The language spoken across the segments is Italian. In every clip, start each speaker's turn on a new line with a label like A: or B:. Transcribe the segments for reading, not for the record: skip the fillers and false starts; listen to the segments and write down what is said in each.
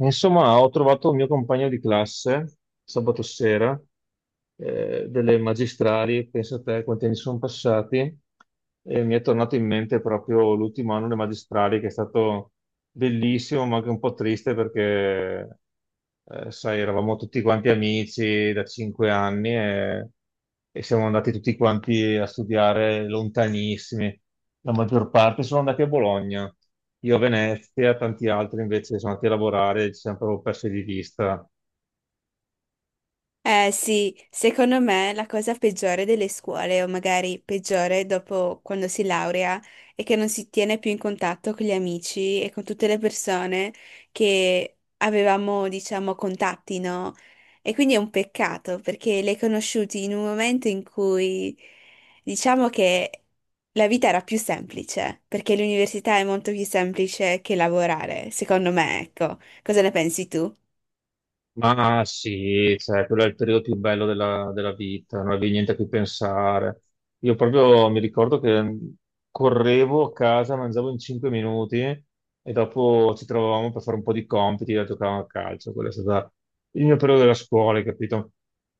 A: Insomma, ho trovato un mio compagno di classe sabato sera, delle magistrali, pensa a te quanti anni sono passati, e mi è tornato in mente proprio l'ultimo anno delle magistrali che è stato bellissimo, ma anche un po' triste perché, sai, eravamo tutti quanti amici da 5 anni e siamo andati tutti quanti a studiare lontanissimi. La maggior parte sono andati a Bologna, io a Venezia, tanti altri invece sono andati a lavorare e ci siamo proprio persi di vista.
B: Eh sì, secondo me la cosa peggiore delle scuole, o magari peggiore dopo quando si laurea, è che non si tiene più in contatto con gli amici e con tutte le persone che avevamo, diciamo, contatti, no? E quindi è un peccato perché le hai conosciuti in un momento in cui diciamo che la vita era più semplice, perché l'università è molto più semplice che lavorare, secondo me, ecco. Cosa ne pensi tu?
A: Ma sì, cioè, quello è il periodo più bello della vita, non avevi niente a cui pensare. Io proprio mi ricordo che correvo a casa, mangiavo in 5 minuti e dopo ci trovavamo per fare un po' di compiti e giocavamo a calcio. Quello è stato il mio periodo della scuola, hai capito?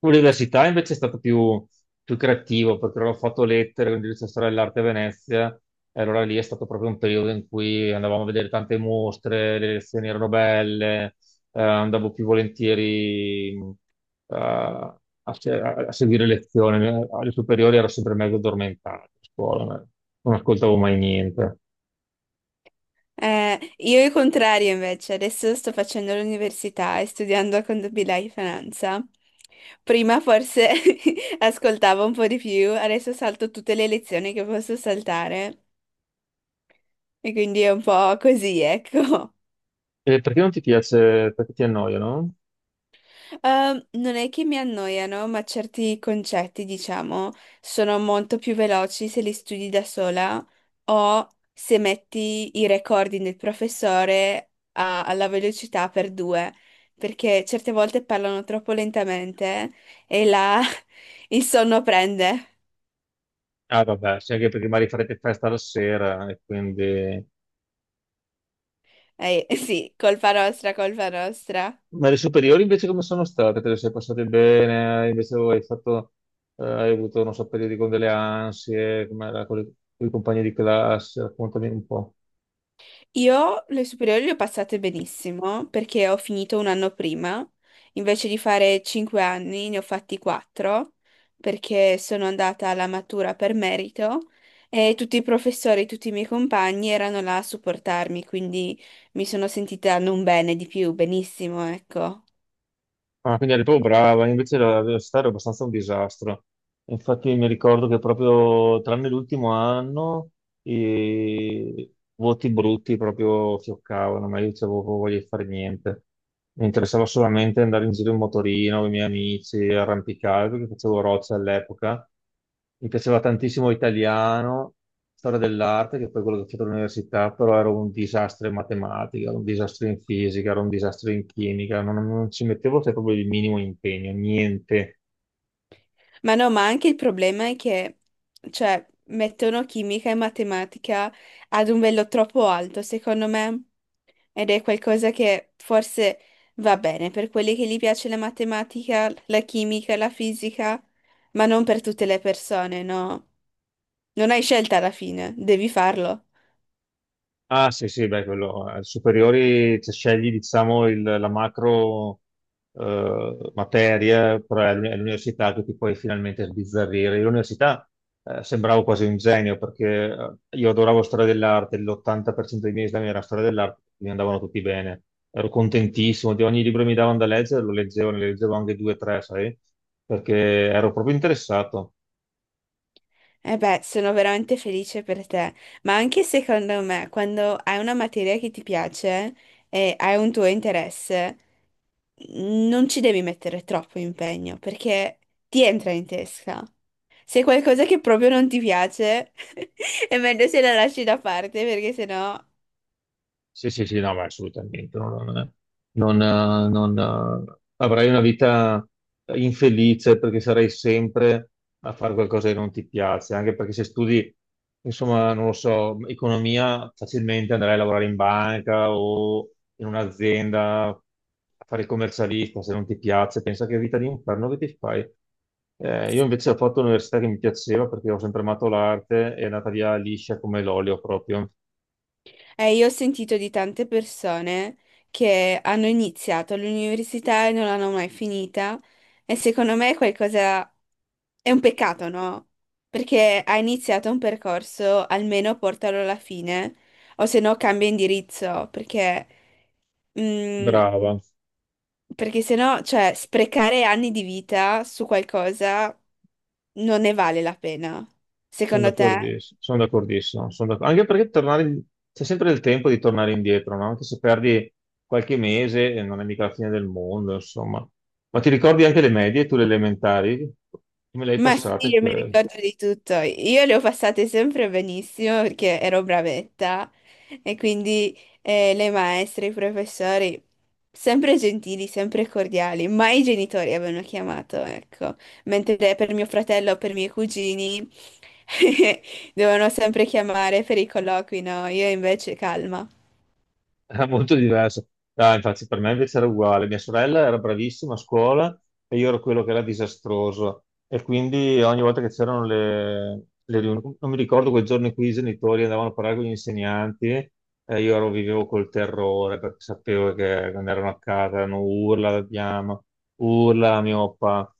A: L'università invece è stato più creativo perché ho fatto lettere, quindi c'è storia dell'arte a Venezia. E allora lì è stato proprio un periodo in cui andavamo a vedere tante mostre, le lezioni erano belle, andavo più volentieri a, se- a seguire lezioni. Alle superiori ero sempre mezzo addormentato a scuola, ma non ascoltavo mai niente.
B: Io il contrario invece, adesso sto facendo l'università e studiando contabilità e finanza. Prima forse ascoltavo un po' di più, adesso salto tutte le lezioni che posso saltare e quindi è un po' così, ecco.
A: E perché non ti piace? Perché ti annoia, no?
B: Non è che mi annoiano, ma certi concetti, diciamo, sono molto più veloci se li studi da sola o se metti i recording del professore alla velocità per due, perché certe volte parlano troppo lentamente e là il sonno prende.
A: Ah, vabbè, sì, anche perché magari farete festa la sera e quindi...
B: Sì, colpa nostra, colpa nostra.
A: Ma le superiori invece come sono state? Te le sei passate bene? Invece hai fatto, hai avuto, non so, periodi con delle ansie, come era con i compagni di classe? Raccontami un po'.
B: Io le superiori le ho passate benissimo perché ho finito un anno prima, invece di fare 5 anni ne ho fatti 4 perché sono andata alla matura per merito e tutti i professori, tutti i miei compagni erano là a supportarmi, quindi mi sono sentita non bene di più, benissimo, ecco.
A: Ah, quindi eri proprio brava, invece la velocità era abbastanza un disastro. Infatti mi ricordo che proprio tranne l'ultimo anno i voti brutti proprio fioccavano, ma io dicevo "Oh, "Non voglio fare niente. Mi interessava solamente andare in giro in motorino con i miei amici, arrampicare, perché facevo roccia all'epoca. Mi piaceva tantissimo italiano, storia dell'arte, che è poi quello che ho fatto all'università, però ero un disastro in matematica, ero un disastro in fisica, ero un disastro in chimica, non ci mettevo, cioè, proprio il minimo impegno, niente.
B: Ma no, ma anche il problema è che, cioè, mettono chimica e matematica ad un livello troppo alto, secondo me, ed è qualcosa che forse va bene per quelli che gli piace la matematica, la chimica, la fisica, ma non per tutte le persone, no? Non hai scelta alla fine, devi farlo.
A: Ah, sì, sì, beh, quello, superiori, cioè, scegli, diciamo, la macro materia, però è è l'università che ti puoi finalmente sbizzarrire. Io l'università, sembravo quasi un genio, perché, io adoravo storia dell'arte, l'80% dei miei esami era storia dell'arte, mi andavano tutti bene. Ero contentissimo di ogni libro che mi davano da leggere, lo leggevo, ne leggevo anche 2 o 3, sai, perché ero proprio interessato.
B: E beh, sono veramente felice per te, ma anche secondo me, quando hai una materia che ti piace e hai un tuo interesse, non ci devi mettere troppo impegno perché ti entra in testa. Se è qualcosa che proprio non ti piace, è meglio se la lasci da parte perché sennò...
A: Sì, sì, sì, no, ma assolutamente. Non, non- non, Avrai una vita infelice perché sarai sempre a fare qualcosa che non ti piace, anche perché se studi, insomma, non lo so, economia, facilmente andrai a lavorare in banca o in un'azienda a fare il commercialista, se non ti piace, pensa che vita di inferno che ti fai. Io invece ho fatto l'università che mi piaceva perché ho sempre amato l'arte, è andata via liscia come l'olio proprio.
B: Io ho sentito di tante persone che hanno iniziato l'università e non l'hanno mai finita e secondo me è qualcosa... è un peccato, no? Perché hai iniziato un percorso, almeno portalo alla fine o se no cambia indirizzo perché... Mm.
A: Brava.
B: Perché sennò, cioè, sprecare anni di vita su qualcosa non ne vale la pena, secondo te?
A: Sono d'accordissimo, anche perché c'è sempre il tempo di tornare indietro, no? Anche se perdi qualche mese, non è mica la fine del mondo, insomma. Ma ti ricordi anche le medie, tu le elementari? Come le hai
B: Ma sì,
A: passate
B: io mi
A: quelle?
B: ricordo di tutto. Io le ho passate sempre benissimo perché ero bravetta e quindi le maestre, i professori, sempre gentili, sempre cordiali, mai i genitori avevano chiamato, ecco. Mentre per mio fratello, per i miei cugini, dovevano sempre chiamare per i colloqui, no? Io invece calma.
A: Era molto diverso. No, infatti per me invece era uguale. Mia sorella era bravissima a scuola e io ero quello che era disastroso. E quindi ogni volta che c'erano le riunioni, non mi ricordo quel giorno in cui i genitori andavano a parlare con gli insegnanti, io ero, vivevo col terrore perché sapevo che quando erano a casa erano urla, la diamo, urla la mio papà.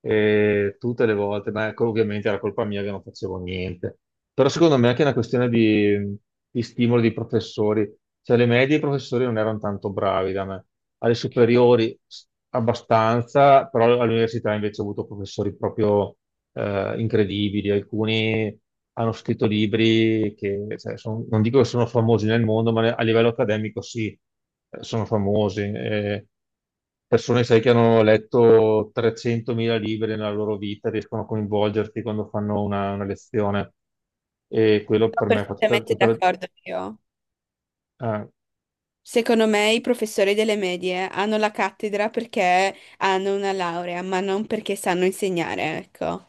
A: E tutte le volte, ma ecco, ovviamente era colpa mia che non facevo niente. Però secondo me è anche una questione di stimolo dei professori. Cioè, le medie i professori non erano tanto bravi da me. Alle superiori abbastanza, però all'università invece ho avuto professori proprio, incredibili, alcuni hanno scritto libri che, cioè, non dico che sono famosi nel mondo, ma a livello accademico sì, sono famosi. Persone, sai, che hanno letto 300.000 libri nella loro vita, riescono a coinvolgerti quando fanno una lezione. E quello
B: Sono
A: per me fa
B: perfettamente d'accordo io.
A: eh,
B: Secondo me i professori delle medie hanno la cattedra perché hanno una laurea, ma non perché sanno insegnare, ecco.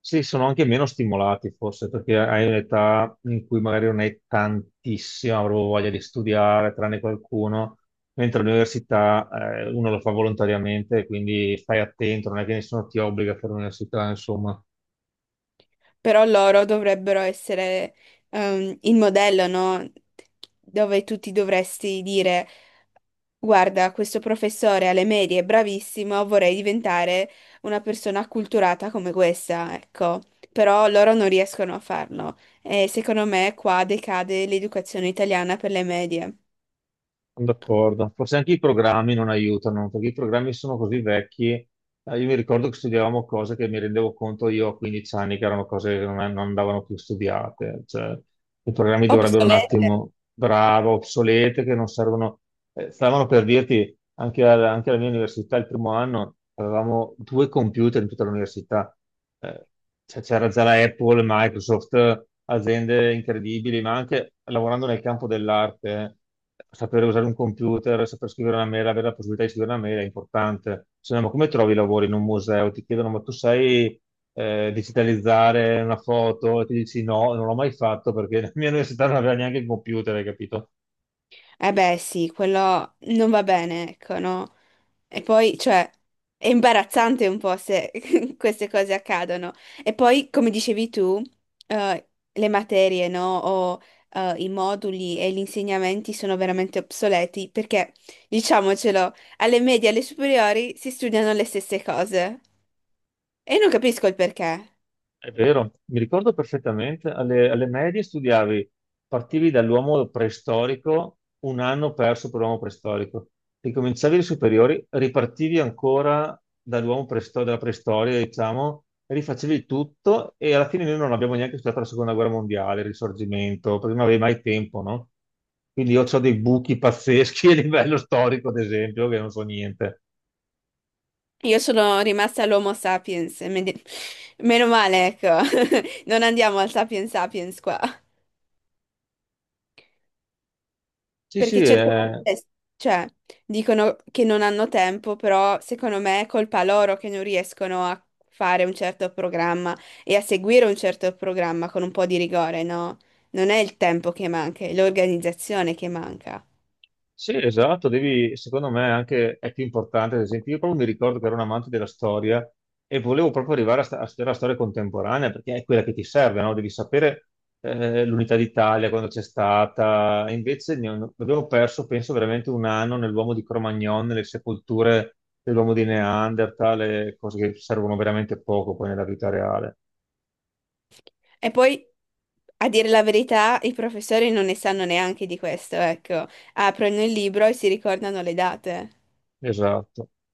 A: Sì, sono anche meno stimolati forse perché hai un'età in cui magari non hai tantissima proprio voglia di studiare, tranne qualcuno, mentre all'università, uno lo fa volontariamente, quindi stai attento, non è che nessuno ti obbliga a fare l'università.
B: Però loro dovrebbero essere il modello, no? Dove tu ti dovresti dire, guarda, questo professore alle medie è bravissimo, vorrei diventare una persona acculturata come questa, ecco. Però loro non riescono a farlo. E secondo me qua decade l'educazione italiana per le medie.
A: Sono d'accordo, forse anche i programmi non aiutano, perché i programmi sono così vecchi. Io mi ricordo che studiavamo cose che mi rendevo conto io a 15 anni che erano cose che non andavano più studiate. Cioè, i programmi dovrebbero un
B: Obsoleta.
A: attimo, bravo, obsolete, che non servono. Stavano per dirti, anche, anche alla mia università, il primo anno, avevamo 2 computer in tutta l'università. Eh, cioè, c'era già la Apple, Microsoft, aziende incredibili, ma anche lavorando nel campo dell'arte. Sapere usare un computer, saper scrivere una mail, avere la possibilità di scrivere una mail è importante. Se no, ma come trovi i lavori in un museo? Ti chiedono, ma tu sai, digitalizzare una foto? E ti dici no, non l'ho mai fatto perché la mia università non aveva neanche il computer, hai capito?
B: Eh beh, sì, quello non va bene, ecco, no? E poi, cioè, è imbarazzante un po' se queste cose accadono. E poi, come dicevi tu, le materie, no? O i moduli e gli insegnamenti sono veramente obsoleti perché, diciamocelo, alle medie e alle superiori si studiano le stesse cose. E non capisco il perché.
A: È vero, mi ricordo perfettamente, alle medie studiavi, partivi dall'uomo preistorico, un anno perso per l'uomo preistorico, ricominciavi le superiori, ripartivi ancora dalla preistoria, diciamo, rifacevi tutto e alla fine noi non abbiamo neanche studiato la seconda guerra mondiale, il risorgimento, perché non avevi mai tempo, no? Quindi io ho dei buchi pazzeschi a livello storico, ad esempio, che non so niente.
B: Io sono rimasta all'Homo sapiens, e meno male, ecco. Non andiamo al sapiens sapiens qua.
A: Sì, sì, Mm.
B: Perché certe
A: È.
B: volte, cioè, dicono che non hanno tempo, però secondo me è colpa loro che non riescono a fare un certo programma e a seguire un certo programma con un po' di rigore, no? Non è il tempo che manca, è l'organizzazione che manca.
A: Sì, esatto, devi, secondo me anche è più importante, ad esempio, io proprio mi ricordo che ero un amante della storia e volevo proprio arrivare a, a studiare la storia contemporanea perché è quella che ti serve, no? Devi sapere, l'unità d'Italia, quando c'è stata, e invece abbiamo perso, penso, veramente un anno nell'uomo di Cro-Magnon, nelle sepolture dell'uomo di Neanderthal, e cose che servono veramente poco poi nella vita reale.
B: E poi, a dire la verità, i professori non ne sanno neanche di questo, ecco. Aprono il libro e si ricordano le date.
A: Esatto.